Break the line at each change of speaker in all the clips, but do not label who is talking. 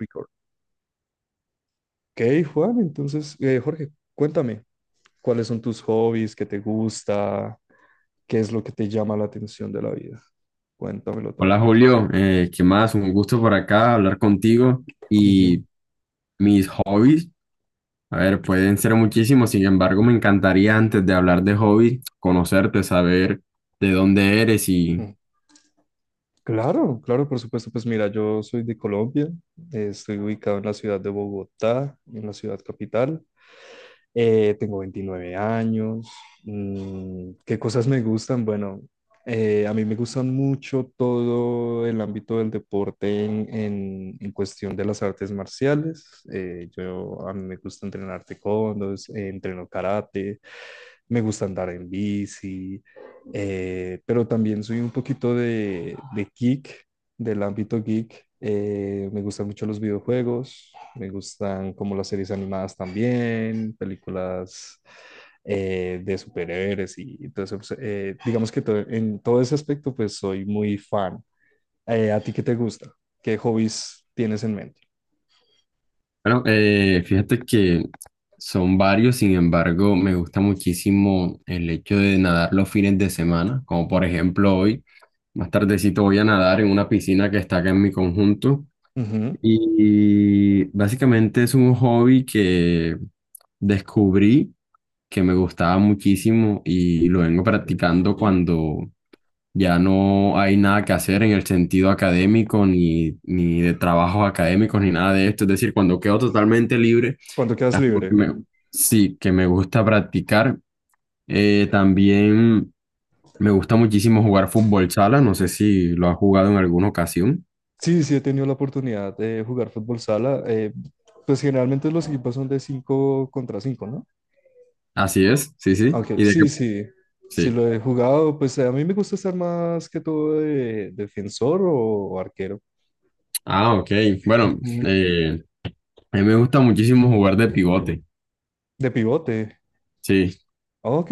Record. Ok, Juan, entonces, Jorge, cuéntame, ¿cuáles son tus hobbies? ¿Qué te gusta? ¿Qué es lo que te llama la atención de la vida? Cuéntamelo
Hola
todo.
Julio, ¿qué más? Un gusto por acá hablar contigo
Ujú.
y mis hobbies. A ver, pueden ser muchísimos, sin embargo, me encantaría antes de hablar de hobbies, conocerte, saber de dónde eres y,
Mm. Claro, claro, por supuesto. Pues mira, yo soy de Colombia, estoy ubicado en la ciudad de Bogotá, en la ciudad capital. Tengo 29 años. Mm, ¿qué cosas me gustan? Bueno, a mí me gustan mucho todo el ámbito del deporte en cuestión de las artes marciales. A mí me gusta entrenar taekwondo, entreno karate, me gusta andar en bici, pero también soy un poquito de geek, del ámbito geek. Me gustan mucho los videojuegos, me gustan como las series animadas también, películas de superhéroes y entonces pues, digamos que en todo ese aspecto pues soy muy fan. ¿A ti qué te gusta? ¿Qué hobbies tienes en mente?
bueno, fíjate que son varios, sin embargo, me gusta muchísimo el hecho de nadar los fines de semana, como por ejemplo hoy, más tardecito voy a nadar en una piscina que está acá en mi conjunto.
Ujú.
Y básicamente es un hobby que descubrí que me gustaba muchísimo y lo vengo practicando cuando ya no hay nada que hacer en el sentido académico ni de trabajos académicos ni nada de esto. Es decir, cuando quedo totalmente libre,
¿Cuándo quedas
es algo que
libre?
me, sí, que me gusta practicar. También me gusta muchísimo jugar fútbol sala. No sé si lo has jugado en alguna ocasión.
Sí, sí, he tenido la oportunidad de jugar fútbol sala. Pues generalmente los equipos son de 5 contra 5, ¿no?
Así es, sí, sí.
Aunque
¿Y de qué?
sí, sí, sí
Sí.
lo he jugado. Pues a mí me gusta estar más que todo de defensor o arquero.
Ah, ok. Bueno,
Ujú.
eh, a mí me gusta muchísimo jugar de pivote.
De pivote.
Sí.
Ok.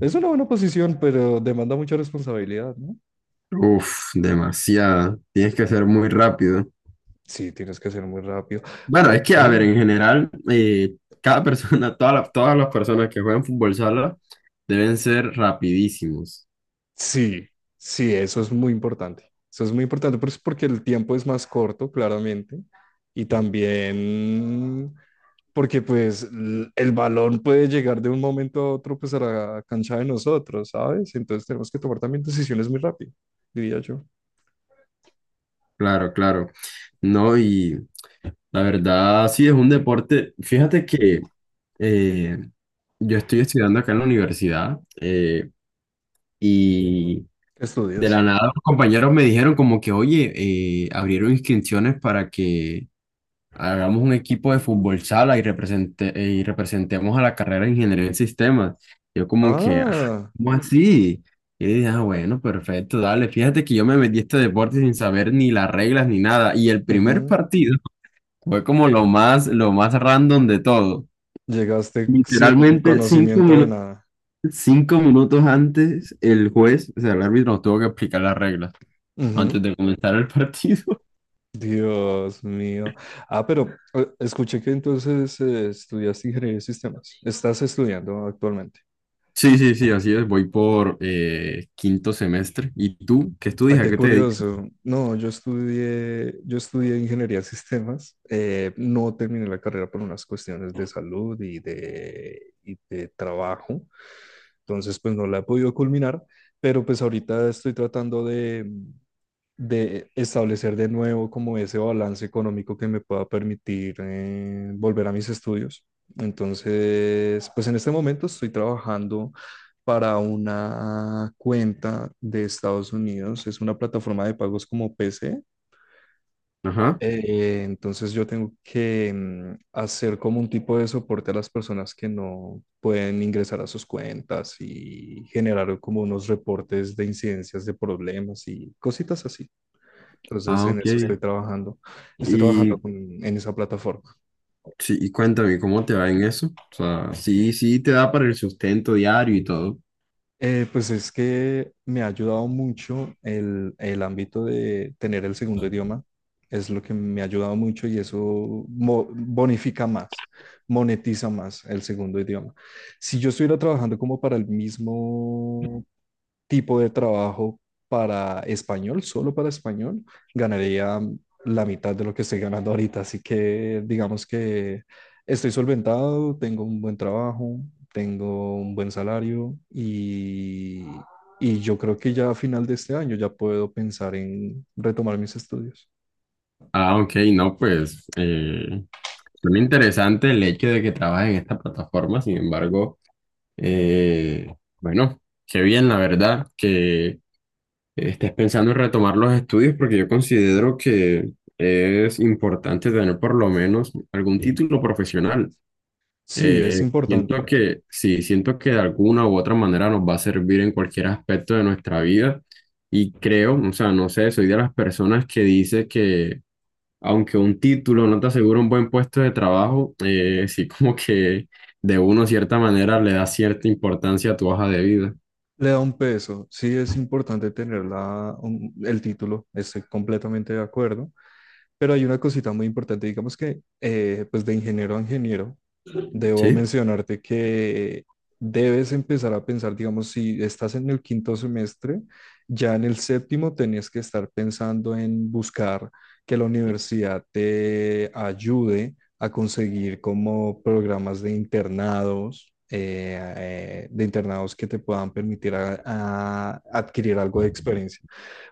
Es una buena posición, pero demanda mucha responsabilidad, ¿no?
Uf, demasiado. Tienes que ser muy rápido.
Sí, tienes que ser muy rápido.
Bueno, es
Ok.
que, a ver, en general, cada persona, todas las personas que juegan fútbol sala deben ser rapidísimos.
Sí, sí, eso es muy importante. Eso es muy importante pues, porque el tiempo es más corto, claramente, y también porque pues el balón puede llegar de un momento a otro pues a la cancha de nosotros, ¿sabes? Entonces tenemos que tomar también decisiones muy rápido, diría yo.
Claro, claro. No, y la verdad, sí, es un deporte. Fíjate que eh, yo estoy estudiando acá en la universidad y...
¿Qué
De la
estudias?
nada, los compañeros me dijeron como que, oye, abrieron inscripciones para que hagamos un equipo de fútbol sala y, represente, y representemos a la carrera de ingeniería en sistemas. Yo como que, ah,
Ah,
¿cómo así? Y dije, ah, bueno, perfecto, dale. Fíjate que yo me metí a este deporte sin saber ni las reglas ni nada. Y el primer
ujú.
partido fue como lo más random de todo.
Llegaste sin
Literalmente
conocimiento de nada.
5 minutos antes, el juez, o sea, el árbitro nos tuvo que explicar las reglas antes de comenzar el partido.
Dios mío. Ah, pero escuché que entonces estudiaste ingeniería de sistemas. Estás estudiando actualmente.
Sí, sí, sí, así es. Voy por quinto semestre. ¿Y tú? ¿Qué
Ah,
estudias? ¿A
qué
qué te dedicas?
curioso. No, yo estudié ingeniería de sistemas. No terminé la carrera por unas cuestiones de salud y de trabajo. Entonces, pues no la he podido culminar, pero pues ahorita estoy tratando de establecer de nuevo como ese balance económico que me pueda permitir volver a mis estudios. Entonces, pues en este momento estoy trabajando para una cuenta de Estados Unidos. Es una plataforma de pagos como PC.
Ajá.
Entonces yo tengo que hacer como un tipo de soporte a las personas que no pueden ingresar a sus cuentas y generar como unos reportes de incidencias de problemas y cositas así. Entonces,
Ah,
en
ok.
eso estoy trabajando. Estoy trabajando
Y,
con- en esa plataforma.
sí, y cuéntame, ¿cómo te va en eso? O sea, sí, sí, te da para el sustento diario y todo.
Pues es que me ha ayudado mucho el ámbito de tener el segundo idioma. Es lo que me ha ayudado mucho y eso bonifica más, monetiza más el segundo idioma. Si yo estuviera trabajando como para el mismo tipo de trabajo para español, solo para español, ganaría la mitad de lo que estoy ganando ahorita. Así que digamos que estoy solventado, tengo un buen trabajo, tengo un buen salario y yo creo que ya a final de este año ya puedo pensar en retomar mis estudios.
Ah, ok, no, pues suena interesante el hecho de que trabajes en esta plataforma. Sin embargo, eh, bueno, qué bien, la verdad, que estás pensando en retomar los estudios porque yo considero que es importante tener por lo menos algún, sí, título profesional.
Sí, es
Siento
importante.
que sí, siento que de alguna u otra manera nos va a servir en cualquier aspecto de nuestra vida y creo, o sea, no sé, soy de las personas que dice que aunque un título no te asegura un buen puesto de trabajo, sí, como que de una cierta manera le da cierta importancia a tu hoja de vida.
Le da un peso. Sí, es importante tener el título. Estoy completamente de acuerdo. Pero hay una cosita muy importante, digamos que pues de ingeniero a ingeniero, debo
Sí,
mencionarte que debes empezar a pensar, digamos, si estás en el quinto semestre, ya en el séptimo tenías que estar pensando en buscar que la universidad te ayude a conseguir como programas de internados que te puedan permitir a adquirir algo de experiencia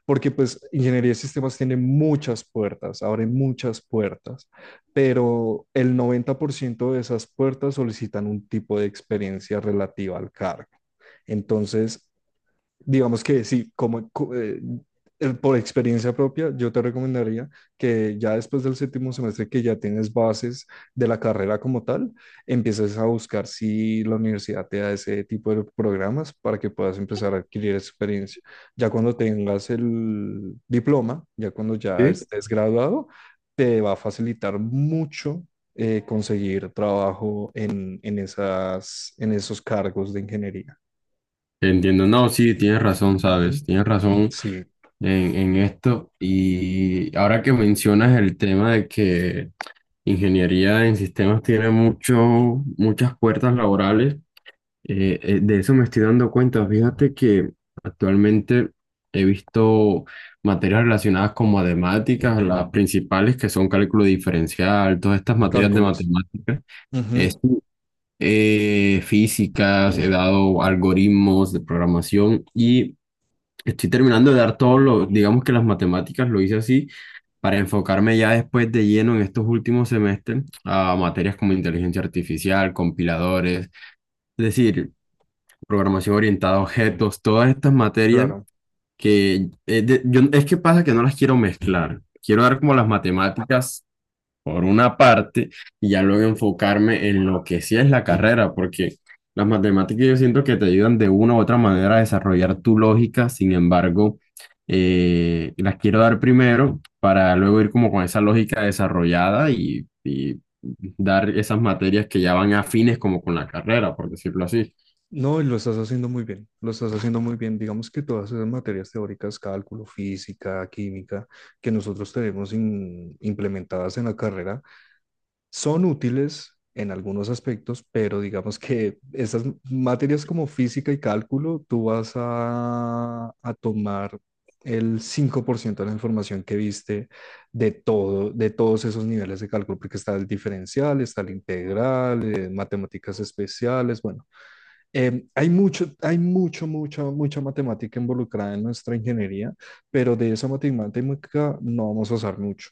porque pues ingeniería de sistemas tiene muchas puertas, abre muchas puertas, pero el 90% de esas puertas solicitan un tipo de experiencia relativa al cargo. Entonces, digamos que sí, por experiencia propia, yo te recomendaría que ya después del séptimo semestre que ya tienes bases de la carrera como tal, empieces a buscar si la universidad te da ese tipo de programas para que puedas empezar a adquirir experiencia. Ya cuando tengas el diploma, ya cuando ya
sí.
estés graduado, te va a facilitar mucho conseguir trabajo en esas, en esos cargos de ingeniería.
Entiendo, no, sí, tienes razón,
Ujú.
sabes, tienes razón
Sí.
en esto. Y ahora que mencionas el tema de que ingeniería en sistemas tiene mucho, muchas puertas laborales, de eso me estoy dando cuenta. Fíjate que actualmente he visto materias relacionadas con matemáticas, las principales que son cálculo diferencial, todas estas materias de
Cálculos.
matemáticas. Es
Ujú.
físicas, he dado algoritmos de programación y estoy terminando de dar todo lo, digamos que las matemáticas lo hice así para enfocarme ya después de lleno en estos últimos semestres a materias como inteligencia artificial, compiladores, es decir, programación orientada a objetos, todas estas materias
Claro.
que es que pasa que no las quiero mezclar. Quiero dar como las matemáticas por una parte y ya luego enfocarme en lo que sí es la carrera, porque las matemáticas yo siento que te ayudan de una u otra manera a desarrollar tu lógica, sin embargo, las quiero dar primero para luego ir como con esa lógica desarrollada y dar esas materias que ya van afines como con la carrera, por decirlo así.
No, y lo estás haciendo muy bien, lo estás haciendo muy bien. Digamos que todas esas materias teóricas, cálculo, física, química, que nosotros tenemos implementadas en la carrera, son útiles en algunos aspectos, pero digamos que esas materias como física y cálculo, tú vas a tomar el 5% de la información que viste de todo, de todos esos niveles de cálculo, porque está el diferencial, está el integral, matemáticas especiales, bueno, hay mucho, mucha, mucha matemática involucrada en nuestra ingeniería, pero de esa matemática no vamos a usar mucho.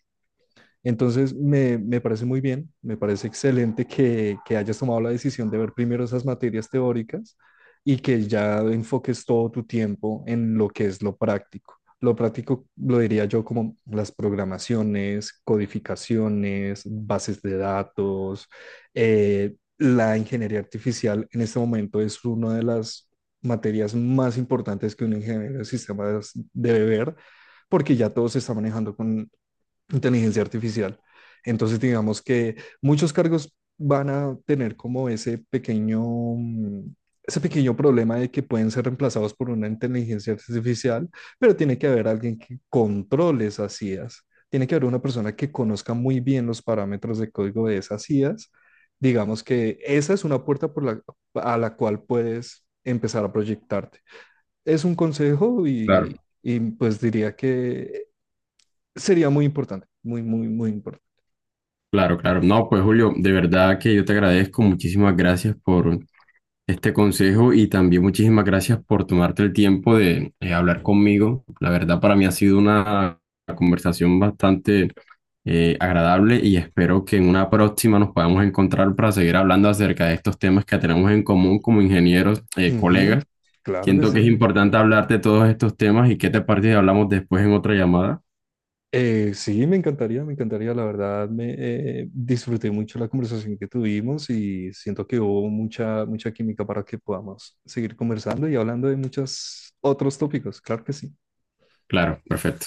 Entonces, me parece muy bien, me parece excelente que hayas tomado la decisión de ver primero esas materias teóricas y que ya enfoques todo tu tiempo en lo que es lo práctico. Lo práctico lo diría yo como las programaciones, codificaciones, bases de datos. La ingeniería artificial en este momento es una de las materias más importantes que un ingeniero de sistemas debe ver, porque ya todo se está manejando con inteligencia artificial. Entonces, digamos que muchos cargos van a tener como ese pequeño, ese pequeño problema de que pueden ser reemplazados por una inteligencia artificial, pero tiene que haber alguien que controle esas IAs. Tiene que haber una persona que conozca muy bien los parámetros de código de esas IAs. Digamos que esa es una puerta por a la cual puedes empezar a proyectarte. Es un consejo
Claro.
y pues diría que sería muy importante, muy, muy, muy importante.
Claro, claro. No, pues Julio, de verdad que yo te agradezco. Muchísimas gracias por este consejo y también muchísimas gracias por tomarte el tiempo de hablar conmigo. La verdad para mí ha sido una conversación bastante agradable y espero que en una próxima nos podamos encontrar para seguir hablando acerca de estos temas que tenemos en común como ingenieros,
Ujú.
colegas.
Claro que
Siento
sí.
que es importante hablar de todos estos temas y qué te parece si hablamos después en otra llamada.
Sí, me encantaría, me encantaría. La verdad, me disfruté mucho la conversación que tuvimos y siento que hubo mucha, mucha química para que podamos seguir conversando y hablando de muchos otros tópicos. Claro que sí.
Claro, perfecto.